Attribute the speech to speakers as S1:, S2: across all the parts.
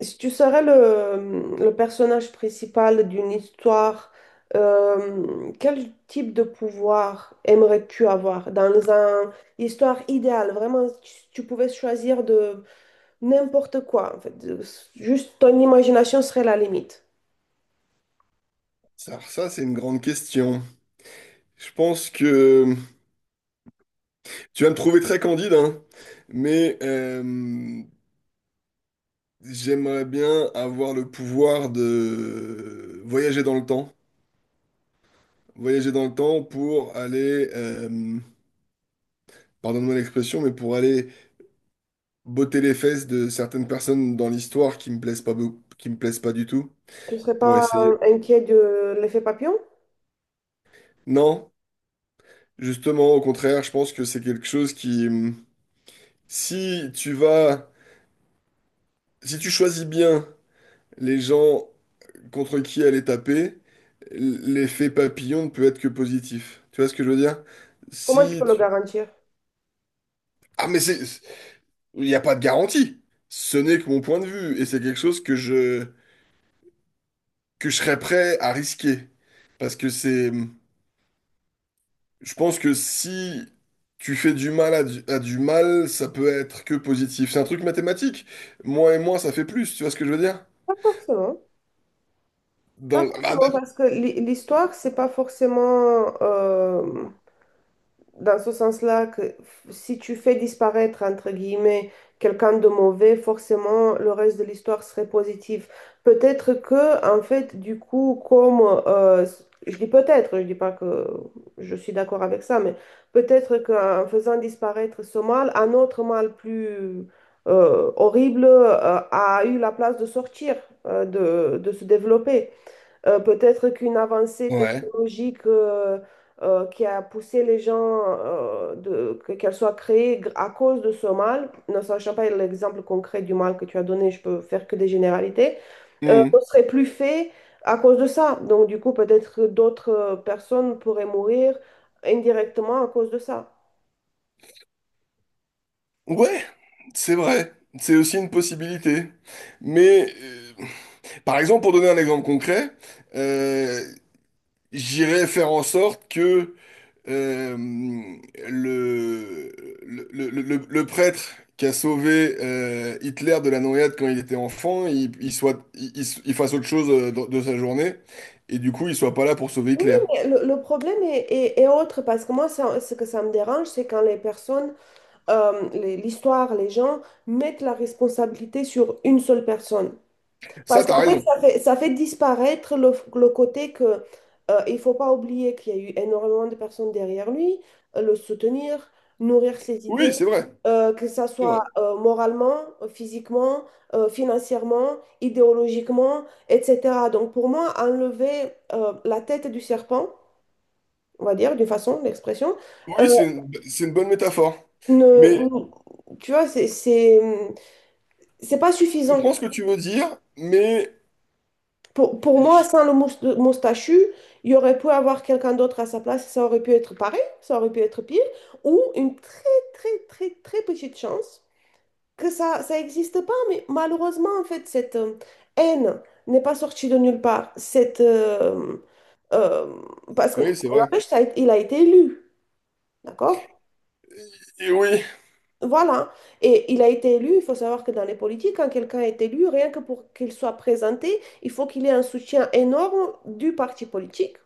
S1: Si tu serais le personnage principal d'une histoire, quel type de pouvoir aimerais-tu avoir dans une histoire idéale? Vraiment, si tu pouvais choisir de n'importe quoi, en fait, juste ton imagination serait la limite.
S2: Alors ça, c'est une grande question. Je pense que tu vas me trouver très candide, hein, mais j'aimerais bien avoir le pouvoir de voyager dans le temps. Voyager dans le temps pour aller, pardonne-moi l'expression, mais pour aller botter les fesses de certaines personnes dans l'histoire qui me plaisent pas, qui me plaisent pas du tout,
S1: Tu ne serais
S2: pour
S1: pas
S2: essayer.
S1: inquiet de l'effet papillon?
S2: Non, justement, au contraire, je pense que c'est quelque chose qui, si tu vas, si tu choisis bien les gens contre qui elle est tapée, l'effet papillon ne peut être que positif. Tu vois ce que je veux dire?
S1: Comment tu
S2: Si
S1: peux le
S2: tu...
S1: garantir?
S2: Ah, mais c'est... Il n'y a pas de garantie. Ce n'est que mon point de vue. Et c'est quelque chose que je serais prêt à risquer. Parce que c'est... Je pense que si tu fais du mal à à du mal, ça peut être que positif. C'est un truc mathématique. Moins et moins, ça fait plus. Tu vois ce que je veux dire?
S1: Pas forcément. Pas
S2: Dans... Ah, bah,
S1: forcément, parce que l'histoire, c'est pas forcément dans ce sens-là que si tu fais disparaître, entre guillemets, quelqu'un de mauvais, forcément, le reste de l'histoire serait positif. Peut-être que, en fait, du coup, comme, euh, je dis peut-être, je dis pas que je suis d'accord avec ça, mais peut-être qu'en faisant disparaître ce mal, un autre mal plus horrible a eu la place de sortir, de se développer. Peut-être qu'une avancée
S2: ouais.
S1: technologique qui a poussé les gens qu'elle soit créée à cause de ce mal, ne sachant pas l'exemple concret du mal que tu as donné, je peux faire que des généralités, ne serait plus fait à cause de ça. Donc du coup, peut-être que d'autres personnes pourraient mourir indirectement à cause de ça.
S2: Ouais, c'est vrai, c'est aussi une possibilité. Mais par exemple, pour donner un exemple concret, euh, j'irais faire en sorte que euh, le, le prêtre qui a sauvé Hitler de la noyade quand il était enfant, il soit, il fasse autre chose de sa journée, et du coup, il soit pas là pour sauver
S1: Oui,
S2: Hitler.
S1: mais le problème est autre parce que moi, ce que ça me dérange, c'est quand les personnes l'histoire, les gens mettent la responsabilité sur une seule personne.
S2: Ça,
S1: Parce
S2: t'as
S1: qu'en fait,
S2: raison.
S1: ça fait disparaître le côté que il faut pas oublier qu'il y a eu énormément de personnes derrière lui, le soutenir, nourrir ses idées,
S2: Oui, c'est vrai.
S1: que ça
S2: C'est vrai.
S1: soit moralement, physiquement, financièrement, idéologiquement, etc. Donc pour moi, enlever la tête du serpent, on va dire, d'une façon, l'expression, euh,
S2: Oui, c'est une bonne métaphore.
S1: ne,
S2: Mais
S1: ne- tu vois, c'est pas
S2: je
S1: suffisant.
S2: comprends ce que tu veux dire, mais...
S1: Pour moi, sans le moustachu, il y aurait pu avoir quelqu'un d'autre à sa place, ça aurait pu être pareil, ça aurait pu être pire, ou une très, très, très, très petite chance que ça n'existe pas, mais malheureusement, en fait, cette haine n'est pas sortie de nulle part. Cette, euh, parce que
S2: Oui, c'est vrai.
S1: n'empêche, il a été élu, d'accord?
S2: Et oui,
S1: Voilà. Et il a été élu. Il faut savoir que dans les politiques, quand quelqu'un est élu, rien que pour qu'il soit présenté, il faut qu'il ait un soutien énorme du parti politique.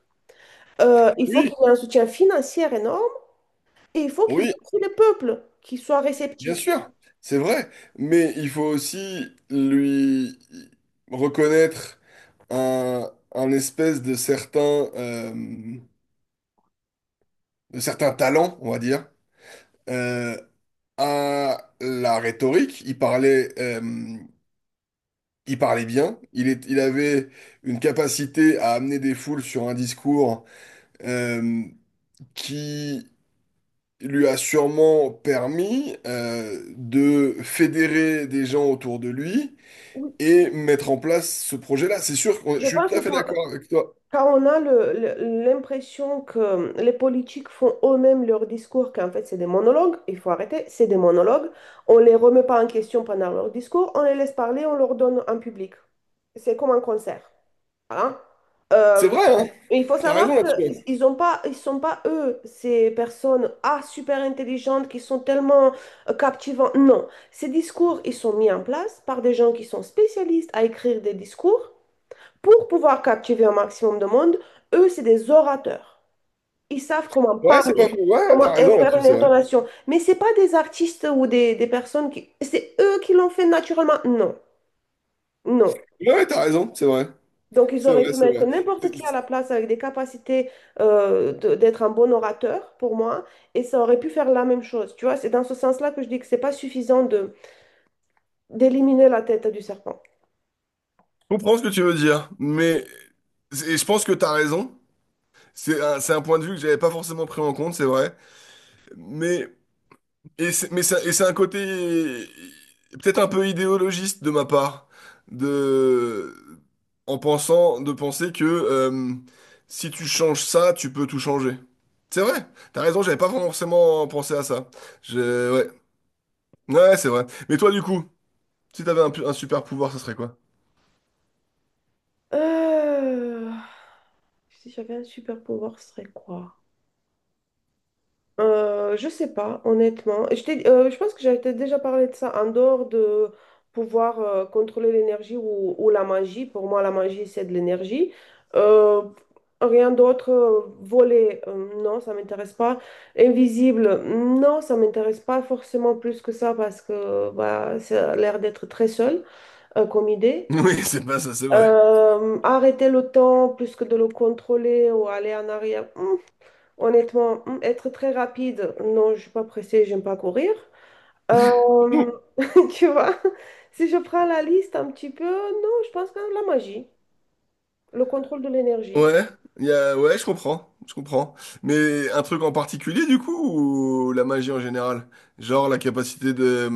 S1: Il faut qu'il
S2: oui,
S1: ait un soutien financier énorme et il faut qu'il y ait
S2: oui,
S1: aussi le peuple qui soit
S2: bien
S1: réceptif.
S2: sûr, c'est vrai. Mais il faut aussi lui reconnaître un espèce de euh, de certain talent, on va dire, euh, à la rhétorique. Il parlait, il parlait bien. Il avait une capacité à amener des foules sur un discours euh, qui lui a sûrement permis de fédérer des gens autour de lui
S1: Oui.
S2: et mettre en place ce projet-là. C'est sûr que
S1: Je
S2: je suis
S1: pense
S2: tout
S1: que
S2: à fait
S1: quand,
S2: d'accord avec toi.
S1: quand on a l'impression que les politiques font eux-mêmes leur discours, qu'en fait c'est des monologues, il faut arrêter, c'est des monologues. On ne les remet pas en question pendant leur discours, on les laisse parler, on leur donne en public. C'est comme un concert. Hein?
S2: C'est
S1: Euh,
S2: vrai, hein?
S1: il faut
S2: T'as raison
S1: savoir
S2: là-dessus.
S1: qu'ils ont pas, ils sont pas eux, ces personnes ah, super intelligentes qui sont tellement captivantes. Non, ces discours, ils sont mis en place par des gens qui sont spécialistes à écrire des discours pour pouvoir captiver un maximum de monde. Eux, c'est des orateurs. Ils savent comment
S2: Ouais, c'est pas
S1: parler,
S2: faux. Ouais, ouais, t'as
S1: comment
S2: raison
S1: faire
S2: là-dessus,
S1: une
S2: c'est vrai.
S1: intonation. Mais c'est pas des artistes ou des personnes qui... C'est eux qui l'ont fait naturellement. Non, non.
S2: Ouais, ouais, t'as raison, c'est vrai.
S1: Donc, ils
S2: C'est
S1: auraient
S2: vrai,
S1: pu
S2: c'est
S1: mettre
S2: vrai.
S1: n'importe
S2: C'est-
S1: qui à
S2: c'est-
S1: la place avec des capacités d'être un bon orateur, pour moi, et ça aurait pu faire la même chose. Tu vois, c'est dans ce sens-là que je dis que c'est pas suffisant de d'éliminer la tête du serpent.
S2: Je comprends ce que tu veux dire, mais et je pense que t'as raison. C'est un point de vue que j'avais pas forcément pris en compte, c'est vrai. Mais et c'est, mais ça, et c'est un côté peut-être un peu idéologiste de ma part, de, en pensant, de penser que si tu changes ça, tu peux tout changer. C'est vrai, t'as raison, j'avais pas forcément pensé à ça. Je, ouais, ouais, c'est vrai. Mais toi, du coup, si t'avais un, un super pouvoir, ça serait quoi?
S1: Euh, Si j'avais un super pouvoir, ce serait quoi? Je sais pas, honnêtement. Je pense que j'avais déjà parlé de ça en dehors de pouvoir contrôler l'énergie ou la magie. Pour moi, la magie, c'est de l'énergie. Euh, Rien d'autre. Voler, non, ça m'intéresse pas. Invisible, non, ça m'intéresse pas forcément plus que ça parce que bah, ça a l'air d'être très seul comme idée.
S2: Oui, c'est pas ça, c'est vrai.
S1: Arrêter le temps plus que de le contrôler ou aller en arrière. Honnêtement, être très rapide, non, je suis pas pressée, j'aime pas courir. Euh, Tu vois, si je prends la liste un petit peu, non, je pense que la magie, le contrôle de l'énergie,
S2: Ouais, y a, ouais, je comprends, je comprends. Mais un truc en particulier, du coup, ou la magie en général? Genre la capacité de,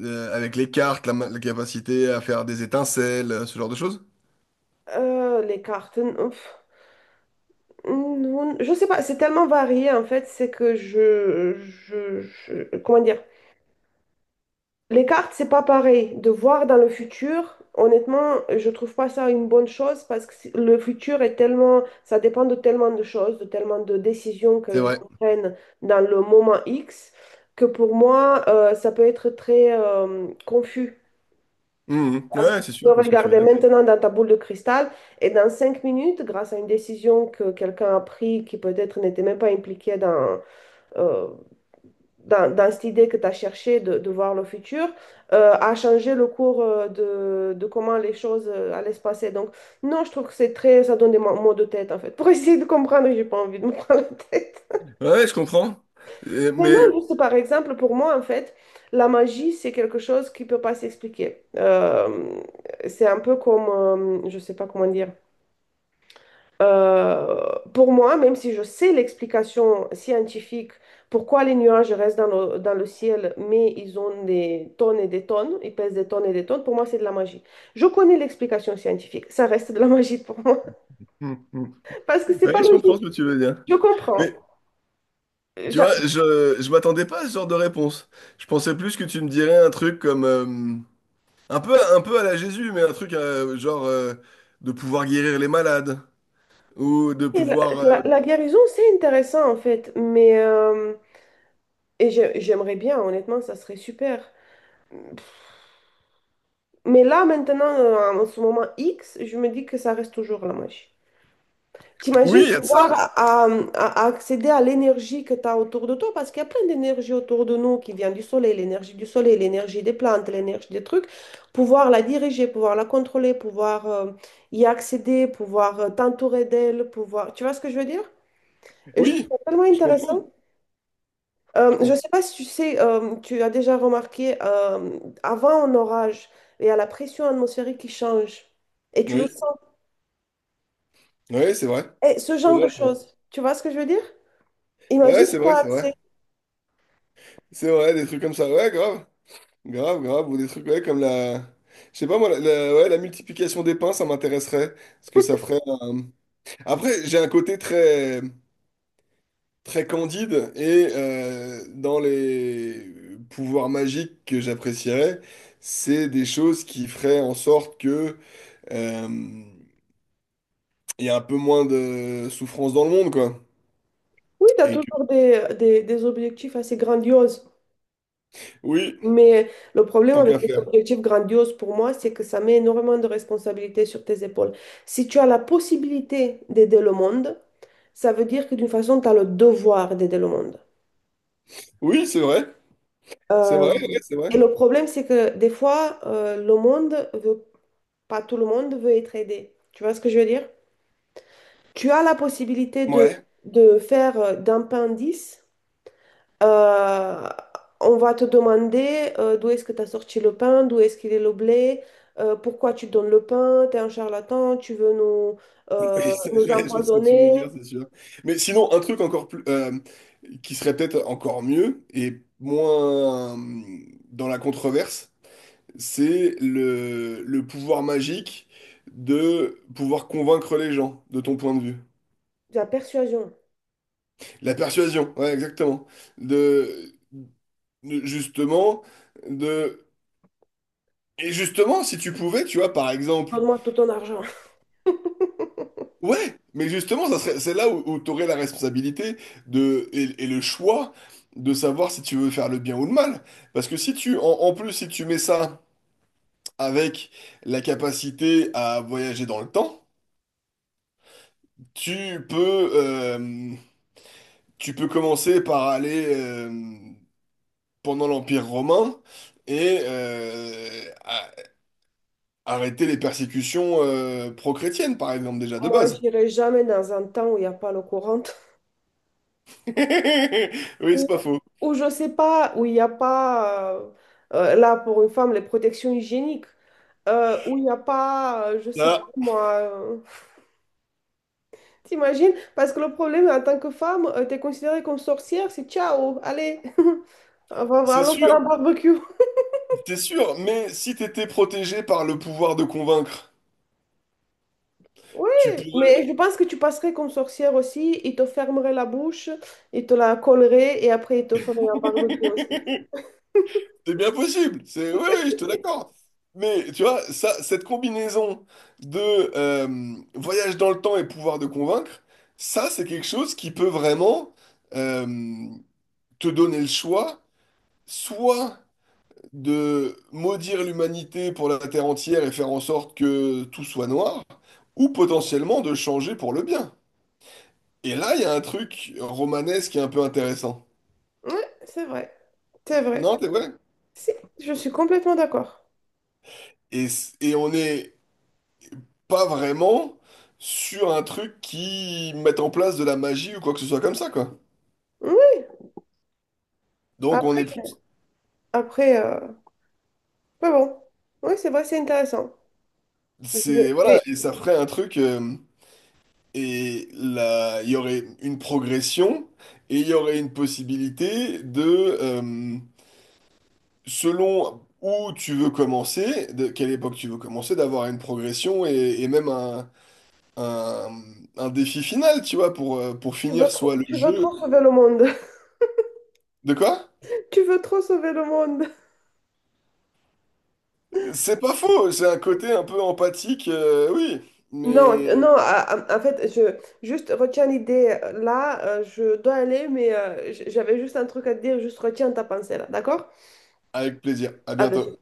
S2: Avec les cartes, la capacité à faire des étincelles, ce genre de choses.
S1: les cartes, je sais pas, c'est tellement varié en fait, c'est que comment dire, les cartes, c'est pas pareil. De voir dans le futur, honnêtement, je trouve pas ça une bonne chose parce que le futur est tellement, ça dépend de tellement de choses, de tellement de décisions que
S2: C'est
S1: les
S2: vrai.
S1: gens prennent dans le moment X, que pour moi, ça peut être très confus.
S2: Mhm.
S1: Parce que
S2: Ouais,
S1: tu
S2: c'est sûr,
S1: peux
S2: je vois ce que tu veux
S1: regarder
S2: dire.
S1: maintenant dans ta boule de cristal et dans 5 minutes, grâce à une décision que quelqu'un a prise qui peut-être n'était même pas impliqué euh, dans cette idée que tu as cherché de voir le futur, a changé le cours de comment les choses allaient se passer. Donc, non, je trouve que c'est très, ça donne des maux de tête, en fait. Pour essayer de comprendre, j'ai pas envie de me prendre la tête.
S2: Ouais, je comprends. Euh,
S1: Mais non,
S2: mais...
S1: juste par exemple, pour moi, en fait, la magie, c'est quelque chose qui peut pas s'expliquer. C'est un peu comme, je sais pas comment dire. Euh, pour moi, même si je sais l'explication scientifique pourquoi les nuages restent dans le ciel, mais ils ont des tonnes et des tonnes, ils pèsent des tonnes et des tonnes, pour moi, c'est de la magie. Je connais l'explication scientifique, ça reste de la magie pour moi,
S2: Mhm.
S1: parce que c'est pas
S2: Ouais, je comprends ce
S1: logique.
S2: que tu veux dire.
S1: Je comprends.
S2: Mais tu
S1: J'a-
S2: vois, je m'attendais pas à ce genre de réponse. Je pensais plus que tu me dirais un truc comme... un peu à la Jésus, mais un truc genre de pouvoir guérir les malades. Ou de pouvoir...
S1: La guérison, c'est intéressant en fait, mais j'aimerais bien, honnêtement, ça serait super. Mais là, maintenant, en ce moment X, je me dis que ça reste toujours la magie.
S2: Oui,
S1: T'imagines
S2: il y a de
S1: pouvoir
S2: ça.
S1: accéder à l'énergie que tu as autour de toi, parce qu'il y a plein d'énergie autour de nous qui vient du soleil, l'énergie des plantes, l'énergie des trucs, pouvoir la diriger, pouvoir la contrôler, pouvoir y accéder, pouvoir t'entourer d'elle, pouvoir... Tu vois ce que je veux dire? Et je trouve
S2: Oui,
S1: ça tellement
S2: je
S1: intéressant.
S2: comprends. Je
S1: Je ne
S2: comprends.
S1: sais pas si tu sais, tu as déjà remarqué, avant un orage, il y a la pression atmosphérique qui change, et tu le
S2: Oui,
S1: sens.
S2: oui, c'est vrai.
S1: Et ce
S2: C'est
S1: genre de
S2: vrai, c'est vrai.
S1: choses, tu vois ce que je veux dire?
S2: Ouais,
S1: Imagine si
S2: c'est
S1: tu as
S2: vrai, c'est vrai.
S1: accès.
S2: C'est vrai, des trucs comme ça. Ouais, grave. Grave, grave. Ou des trucs, ouais, comme la... Je sais pas, moi, ouais, la multiplication des pains, ça m'intéresserait. Parce que ça ferait un- Après, j'ai un côté très, très candide et dans les pouvoirs magiques que j'apprécierais, c'est des choses qui feraient en sorte que euh, il y a un peu moins de souffrance dans le monde, quoi.
S1: Oui, tu as
S2: Et que...
S1: toujours des objectifs assez grandioses.
S2: Oui,
S1: Mais le problème
S2: tant
S1: avec
S2: qu'à
S1: les
S2: faire.
S1: objectifs grandioses pour moi, c'est que ça met énormément de responsabilités sur tes épaules. Si tu as la possibilité d'aider le monde, ça veut dire que d'une façon, tu as le devoir d'aider le monde.
S2: Oui, c'est vrai. C'est
S1: Euh,
S2: vrai, ouais, c'est vrai.
S1: et le problème, c'est que des fois, le monde veut, pas tout le monde veut être aidé. Tu vois ce que je veux dire? Tu as la possibilité
S2: Ouais.
S1: de faire d'un pain 10. Euh, on va te demander d'où est-ce que tu as sorti le pain, d'où est-ce qu'il est le blé, pourquoi tu donnes le pain, tu es un charlatan, tu veux
S2: Oui,
S1: euh,
S2: ça,
S1: nous
S2: je vois ce que tu veux
S1: empoisonner.
S2: dire, c'est sûr. Mais sinon, un truc encore plus, qui serait peut-être encore mieux et moins dans la controverse, c'est le pouvoir magique de pouvoir convaincre les gens, de ton point de vue.
S1: De la persuasion.
S2: La persuasion, ouais, exactement. De, de- justement, de... Et justement, si tu pouvais, tu vois, par exemple,
S1: Donne-moi tout ton argent.
S2: ouais, mais justement, ça serait, c'est là où, tu aurais la responsabilité de, et le choix de savoir si tu veux faire le bien ou le mal. Parce que si tu, en, en plus, si tu mets ça avec la capacité à voyager dans le temps, tu peux, tu peux commencer par aller pendant l'Empire romain et arrêter les persécutions pro-chrétiennes, par exemple, déjà de
S1: Moi,
S2: base.
S1: j'irai jamais dans un temps où il n'y a pas l'eau courante,
S2: Oui, c'est
S1: ou
S2: pas faux.
S1: ou je sais pas, où il n'y a pas, là pour une femme, les protections hygiéniques, où il n'y a pas, je sais pas
S2: Ça,
S1: moi. T'imagines? Parce que le problème, en tant que femme, t'es considérée comme sorcière, c'est ciao, allez,
S2: c'est
S1: allons faire
S2: sûr.
S1: un barbecue.
S2: T'es sûr, mais si t'étais protégé par le pouvoir de convaincre,
S1: Oui,
S2: tu
S1: mais
S2: pourrais.
S1: je pense que tu passerais comme sorcière aussi, ils te fermeraient la bouche, ils te la colleraient et après ils te feraient un barbecue aussi.
S2: C'est bien possible. C'est oui, oui, je te l'accorde. Mais tu vois, ça, cette combinaison de voyage dans le temps et pouvoir de convaincre, ça, c'est quelque chose qui peut vraiment euh, te donner le choix, soit de maudire l'humanité pour la terre entière et faire en sorte que tout soit noir, ou potentiellement de changer pour le bien. Et là, il y a un truc romanesque qui est un peu intéressant.
S1: Oui, c'est vrai, c'est vrai.
S2: Non, c'est vrai.
S1: Si, je suis complètement d'accord.
S2: Et on n'est pas vraiment sur un truc qui mette en place de la magie ou quoi que ce soit comme ça, quoi.
S1: Oui,
S2: Donc on
S1: après,
S2: est plus...
S1: après mais bon, oui, c'est vrai, c'est intéressant. Je vais-
S2: C'est...
S1: je vais-
S2: Voilà, et ça ferait un truc... et là, il y aurait une progression et il y aurait une possibilité de... euh, selon où tu veux commencer, de quelle époque tu veux commencer, d'avoir une progression et même un, un défi final, tu vois, pour, pour
S1: Tu veux
S2: finir
S1: trop,
S2: soit le
S1: tu veux trop
S2: jeu...
S1: sauver le monde.
S2: De quoi?
S1: Tu veux trop sauver le monde.
S2: C'est pas faux, c'est un côté un peu empathique, oui,
S1: Non,
S2: mais
S1: non, en fait, je juste retiens l'idée là, je dois aller, mais j'avais juste un truc à te dire, juste retiens ta pensée là, d'accord?
S2: avec plaisir. À
S1: À de
S2: bientôt.
S1: suite.